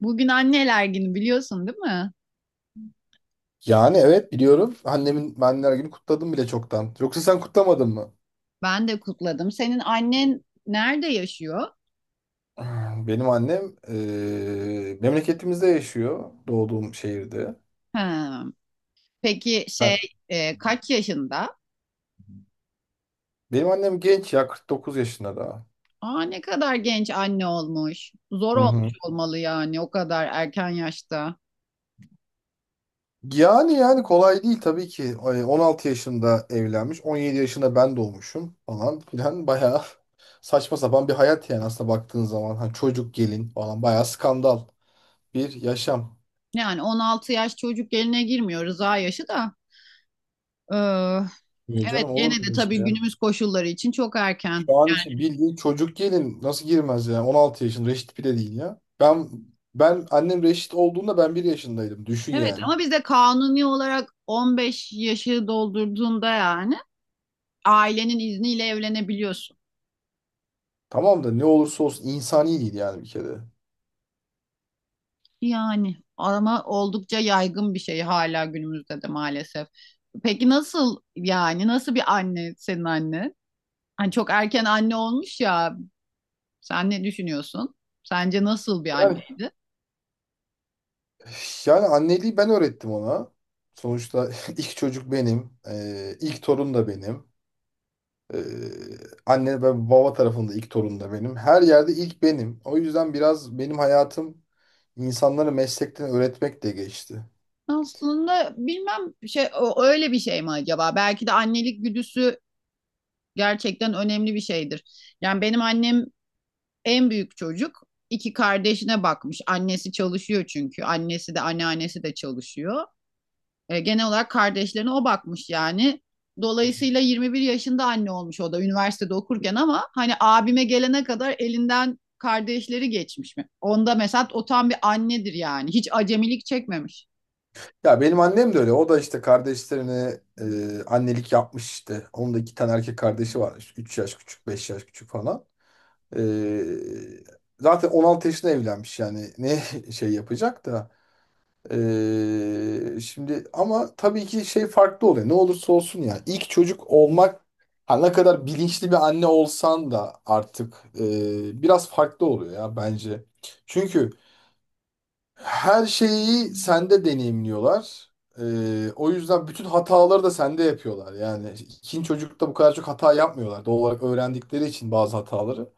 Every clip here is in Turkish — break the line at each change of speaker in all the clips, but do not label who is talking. Bugün anneler günü biliyorsun değil mi?
Yani evet biliyorum. Annemin anneler günü kutladım bile çoktan. Yoksa sen kutlamadın mı?
Ben de kutladım. Senin annen nerede yaşıyor?
Benim annem memleketimizde yaşıyor. Doğduğum şehirde.
Ha. Peki
Ha.
kaç yaşında?
Benim annem genç ya 49 yaşında daha.
Aa ne kadar genç anne olmuş. Zor
Hı
olmuş
hı.
olmalı yani o kadar erken yaşta.
Yani kolay değil tabii ki. Ay, 16 yaşında evlenmiş. 17 yaşında ben doğmuşum falan filan. Bayağı saçma sapan bir hayat yani aslında baktığın zaman. Hani çocuk gelin falan bayağı skandal bir yaşam.
Yani 16 yaş çocuk eline girmiyor rıza yaşı da. Ee,
Yok
evet
canım
gene
olur mu
de
böyle şey?
tabii günümüz koşulları için çok erken.
Şu an için
Yani
bildiğin çocuk gelin nasıl girmez yani 16 yaşında reşit bile değil ya. Ben annem reşit olduğunda ben 1 yaşındaydım düşün
evet
yani.
ama bizde kanuni olarak 15 yaşı doldurduğunda yani ailenin izniyle evlenebiliyorsun.
Tamam da ne olursa olsun insani değil yani bir kere.
Yani ama oldukça yaygın bir şey hala günümüzde de maalesef. Peki nasıl yani nasıl bir anne senin anne? Hani çok erken anne olmuş ya. Sen ne düşünüyorsun? Sence nasıl bir
Yani,
anneydi?
yani, anneliği ben öğrettim ona. Sonuçta ilk çocuk benim. İlk torun da benim. Ee, anne ve baba tarafında ilk torun da benim. Her yerde ilk benim. O yüzden biraz benim hayatım insanları meslekten öğretmekle geçti.
Aslında bilmem öyle bir şey mi acaba? Belki de annelik güdüsü gerçekten önemli bir şeydir. Yani benim annem en büyük çocuk. İki kardeşine bakmış. Annesi çalışıyor çünkü. Annesi de anneannesi de çalışıyor. E, genel olarak kardeşlerine o bakmış yani. Dolayısıyla 21 yaşında anne olmuş o da üniversitede okurken ama hani abime gelene kadar elinden kardeşleri geçmiş mi? Onda mesela o tam bir annedir yani. Hiç acemilik çekmemiş.
Ya benim annem de öyle. O da işte kardeşlerine annelik yapmış işte. Onun da iki tane erkek kardeşi var. İşte 3 yaş küçük, 5 yaş küçük falan. E, zaten 16 yaşında evlenmiş yani. Ne şey yapacak da. Şimdi ama tabii ki şey farklı oluyor. Ne olursa olsun yani. İlk çocuk olmak ha, ne kadar bilinçli bir anne olsan da artık biraz farklı oluyor ya bence. Çünkü her şeyi sende deneyimliyorlar. O yüzden bütün hataları da sende yapıyorlar. Yani ikinci çocukta bu kadar çok hata yapmıyorlar. Doğal olarak öğrendikleri için bazı hataları.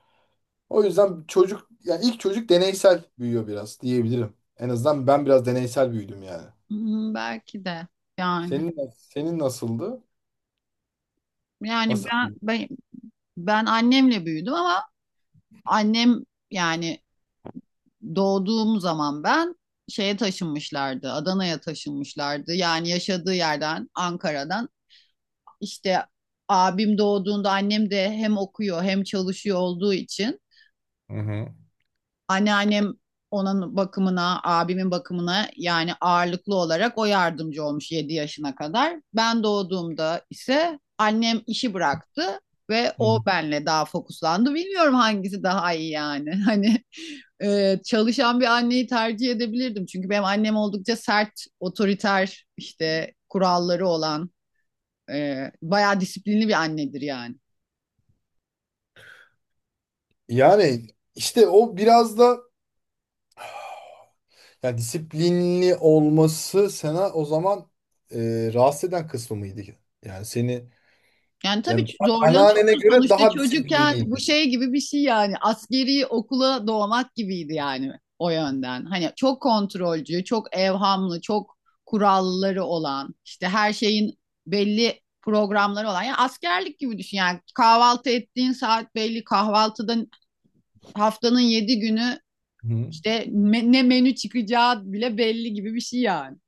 O yüzden çocuk, yani ilk çocuk deneysel büyüyor biraz diyebilirim. En azından ben biraz deneysel büyüdüm yani.
Hmm, belki de yani.
Senin nasıldı?
Yani
Nasıl?
ben, ben ben annemle büyüdüm ama annem yani doğduğum zaman ben şeye taşınmışlardı. Adana'ya taşınmışlardı. Yani yaşadığı yerden Ankara'dan işte abim doğduğunda annem de hem okuyor hem çalışıyor olduğu için anneannem onun bakımına, abimin bakımına yani ağırlıklı olarak o yardımcı olmuş 7 yaşına kadar. Ben doğduğumda ise annem işi bıraktı ve
Hı
o
hı.
benle daha fokuslandı. Bilmiyorum hangisi daha iyi yani. Hani çalışan bir anneyi tercih edebilirdim. Çünkü benim annem oldukça sert, otoriter, işte kuralları olan bayağı disiplinli bir annedir yani.
Yani işte o biraz da yani disiplinli olması sana o zaman rahatsız eden kısmı mıydı? Yani seni.
Yani tabii
Yani
ki
anneannene
zorlanıyorsun
göre
sonuçta
daha
çocukken bu
disiplinliydi.
şey gibi bir şey yani askeri okula doğmak gibiydi yani o yönden. Hani çok kontrolcü, çok evhamlı, çok kuralları olan, işte her şeyin belli programları olan. Yani askerlik gibi düşün yani kahvaltı ettiğin saat belli, kahvaltıda haftanın yedi günü
Hı.
işte ne menü çıkacağı bile belli gibi bir şey yani.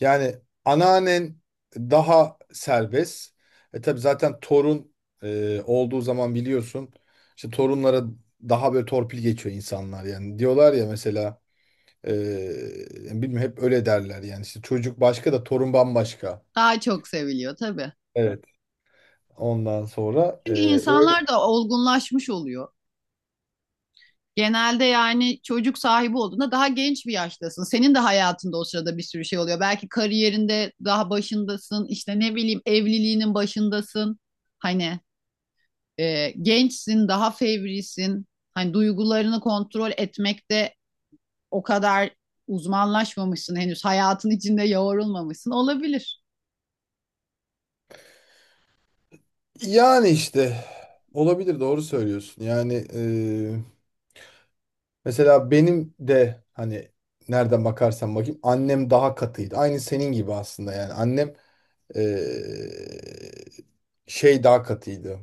Yani anneannen daha serbest. Tabii zaten torun olduğu zaman biliyorsun işte torunlara daha böyle torpil geçiyor insanlar yani. Diyorlar ya mesela e, yani bilmiyorum hep öyle derler yani işte çocuk başka da torun bambaşka.
Daha çok seviliyor tabii.
Evet. Ondan sonra
Çünkü
öyle.
insanlar da olgunlaşmış oluyor. Genelde yani çocuk sahibi olduğunda daha genç bir yaştasın. Senin de hayatında o sırada bir sürü şey oluyor. Belki kariyerinde daha başındasın. İşte ne bileyim evliliğinin başındasın. Hani gençsin, daha fevrisin. Hani duygularını kontrol etmekte o kadar uzmanlaşmamışsın henüz hayatın içinde yoğrulmamışsın olabilir.
Yani işte olabilir doğru söylüyorsun. Yani mesela benim de hani nereden bakarsan bakayım annem daha katıydı. Aynı senin gibi aslında yani. Annem eee, şey daha katıydı.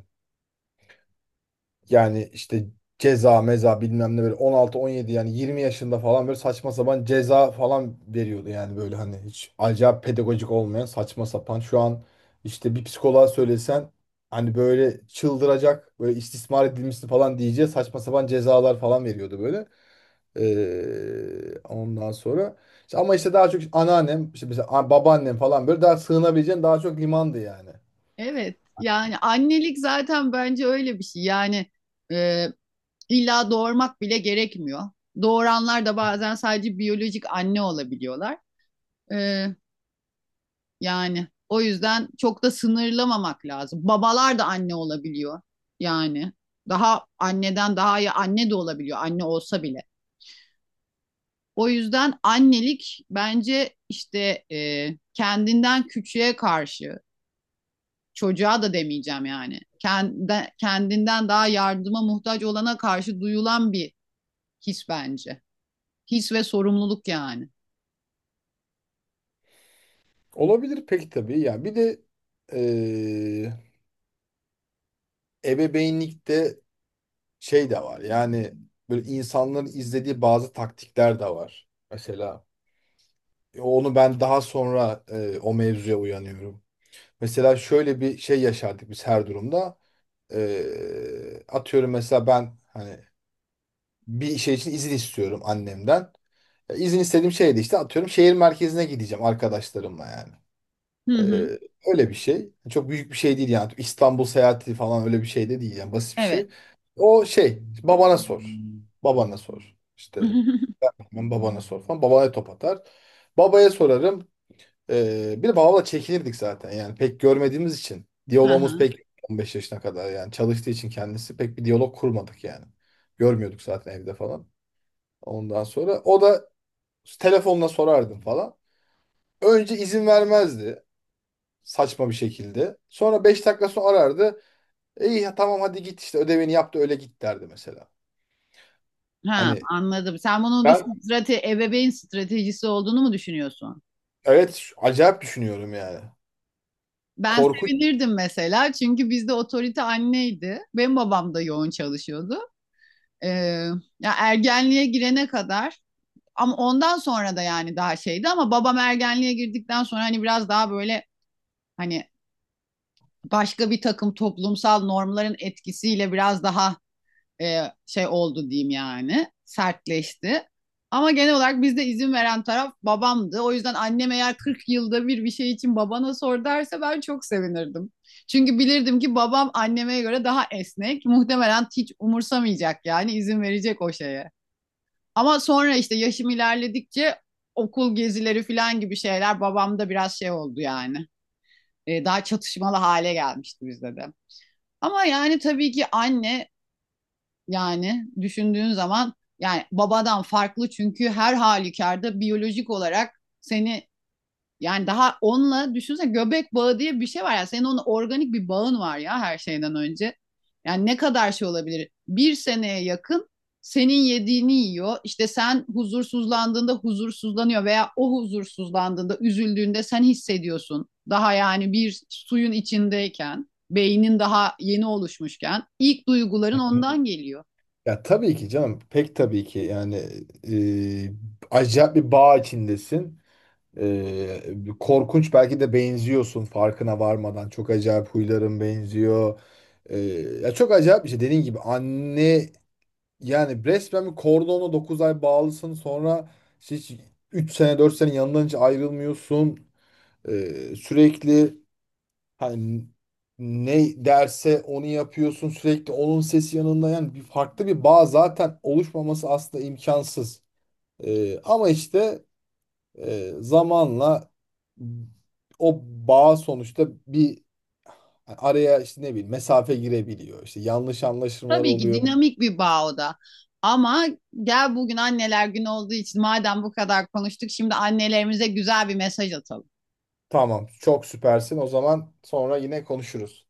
Yani işte ceza meza bilmem ne böyle 16-17 yani 20 yaşında falan böyle saçma sapan ceza falan veriyordu yani böyle hani hiç acayip pedagojik olmayan saçma sapan. Şu an işte bir psikoloğa söylesen hani böyle çıldıracak böyle istismar edilmişti falan diyeceği saçma sapan cezalar falan veriyordu böyle. Ondan sonra işte ama işte daha çok işte anneannem işte mesela babaannem falan böyle daha sığınabileceğin daha çok limandı yani.
Evet yani annelik zaten bence öyle bir şey yani e, illa doğurmak bile gerekmiyor. Doğuranlar da bazen sadece biyolojik anne olabiliyorlar. E, yani o yüzden çok da sınırlamamak lazım. Babalar da anne olabiliyor yani daha anneden daha iyi anne de olabiliyor anne olsa bile. O yüzden annelik bence işte kendinden küçüğe karşı çocuğa da demeyeceğim yani. Kendinden daha yardıma muhtaç olana karşı duyulan bir his bence. His ve sorumluluk yani.
Olabilir peki tabii yani bir de ee, ebeveynlikte şey de var yani böyle insanların izlediği bazı taktikler de var. Mesela onu ben daha sonra o mevzuya uyanıyorum. Mesela şöyle bir şey yaşardık biz her durumda. Atıyorum mesela ben hani bir şey için izin istiyorum annemden. İzin istediğim şeydi işte atıyorum şehir merkezine gideceğim arkadaşlarımla yani.
Hı hı.
Ee, öyle bir şey. Çok büyük bir şey değil yani. İstanbul seyahati falan öyle bir şey de değil yani basit bir
Evet.
şey. O şey babana sor. Babana sor. İşte ben babana sor falan. Babaya top atar. Babaya sorarım. Bir de babamla çekinirdik zaten yani pek görmediğimiz için. Diyalogumuz
Aha.
pek 15 yaşına kadar yani çalıştığı için kendisi pek bir diyalog kurmadık yani. Görmüyorduk zaten evde falan. Ondan sonra o da telefonla sorardım falan. Önce izin vermezdi saçma bir şekilde. Sonra 5 dakika sonra arardı. İyi ya tamam hadi git işte ödevini yap da öyle git derdi mesela.
Ha,
Hani
anladım. Sen bunun bir
ben
ebeveyn stratejisi olduğunu mu düşünüyorsun?
evet acayip düşünüyorum yani.
Ben
Korkunç.
sevinirdim mesela çünkü bizde otorite anneydi. Benim babam da yoğun çalışıyordu. Ee, Ya ergenliğe girene kadar ama ondan sonra da yani daha şeydi ama babam ergenliğe girdikten sonra hani biraz daha böyle hani başka bir takım toplumsal normların etkisiyle biraz daha şey oldu diyeyim yani sertleşti. Ama genel olarak bizde izin veren taraf babamdı. O yüzden annem eğer 40 yılda bir bir şey için babana sor derse ben çok sevinirdim. Çünkü bilirdim ki babam anneme göre daha esnek. Muhtemelen hiç umursamayacak yani izin verecek o şeye. Ama sonra işte yaşım ilerledikçe okul gezileri falan gibi şeyler babamda biraz şey oldu yani. Daha çatışmalı hale gelmişti bizde de. Ama yani tabii ki anne yani düşündüğün zaman yani babadan farklı çünkü her halükarda biyolojik olarak seni yani daha onunla düşünsene göbek bağı diye bir şey var. Ya senin onun organik bir bağın var ya her şeyden önce. Yani ne kadar şey olabilir? Bir seneye yakın senin yediğini yiyor. İşte sen huzursuzlandığında huzursuzlanıyor veya o huzursuzlandığında, üzüldüğünde sen hissediyorsun. Daha yani bir suyun içindeyken, beynin daha yeni oluşmuşken ilk duyguların ondan geliyor.
Ya tabii ki canım pek tabii ki yani e, acayip bir bağ içindesin. Korkunç belki de benziyorsun farkına varmadan. Çok acayip huyların benziyor. E, ya çok acayip bir şey. Dediğin gibi anne. Yani resmen bir kordona 9 ay bağlısın sonra işte hiç 3 sene 4 sene yanından hiç ayrılmıyorsun. Sürekli hani ne derse onu yapıyorsun sürekli onun sesi yanında yani bir farklı bir bağ zaten oluşmaması aslında imkansız. Ama işte zamanla o bağ sonuçta bir araya işte ne bileyim mesafe girebiliyor. İşte yanlış anlaşılmalar
Tabii ki
oluyor.
dinamik bir bağ o da. Ama gel bugün anneler günü olduğu için madem bu kadar konuştuk şimdi annelerimize güzel bir mesaj atalım.
Tamam. Çok süpersin. O zaman sonra yine konuşuruz.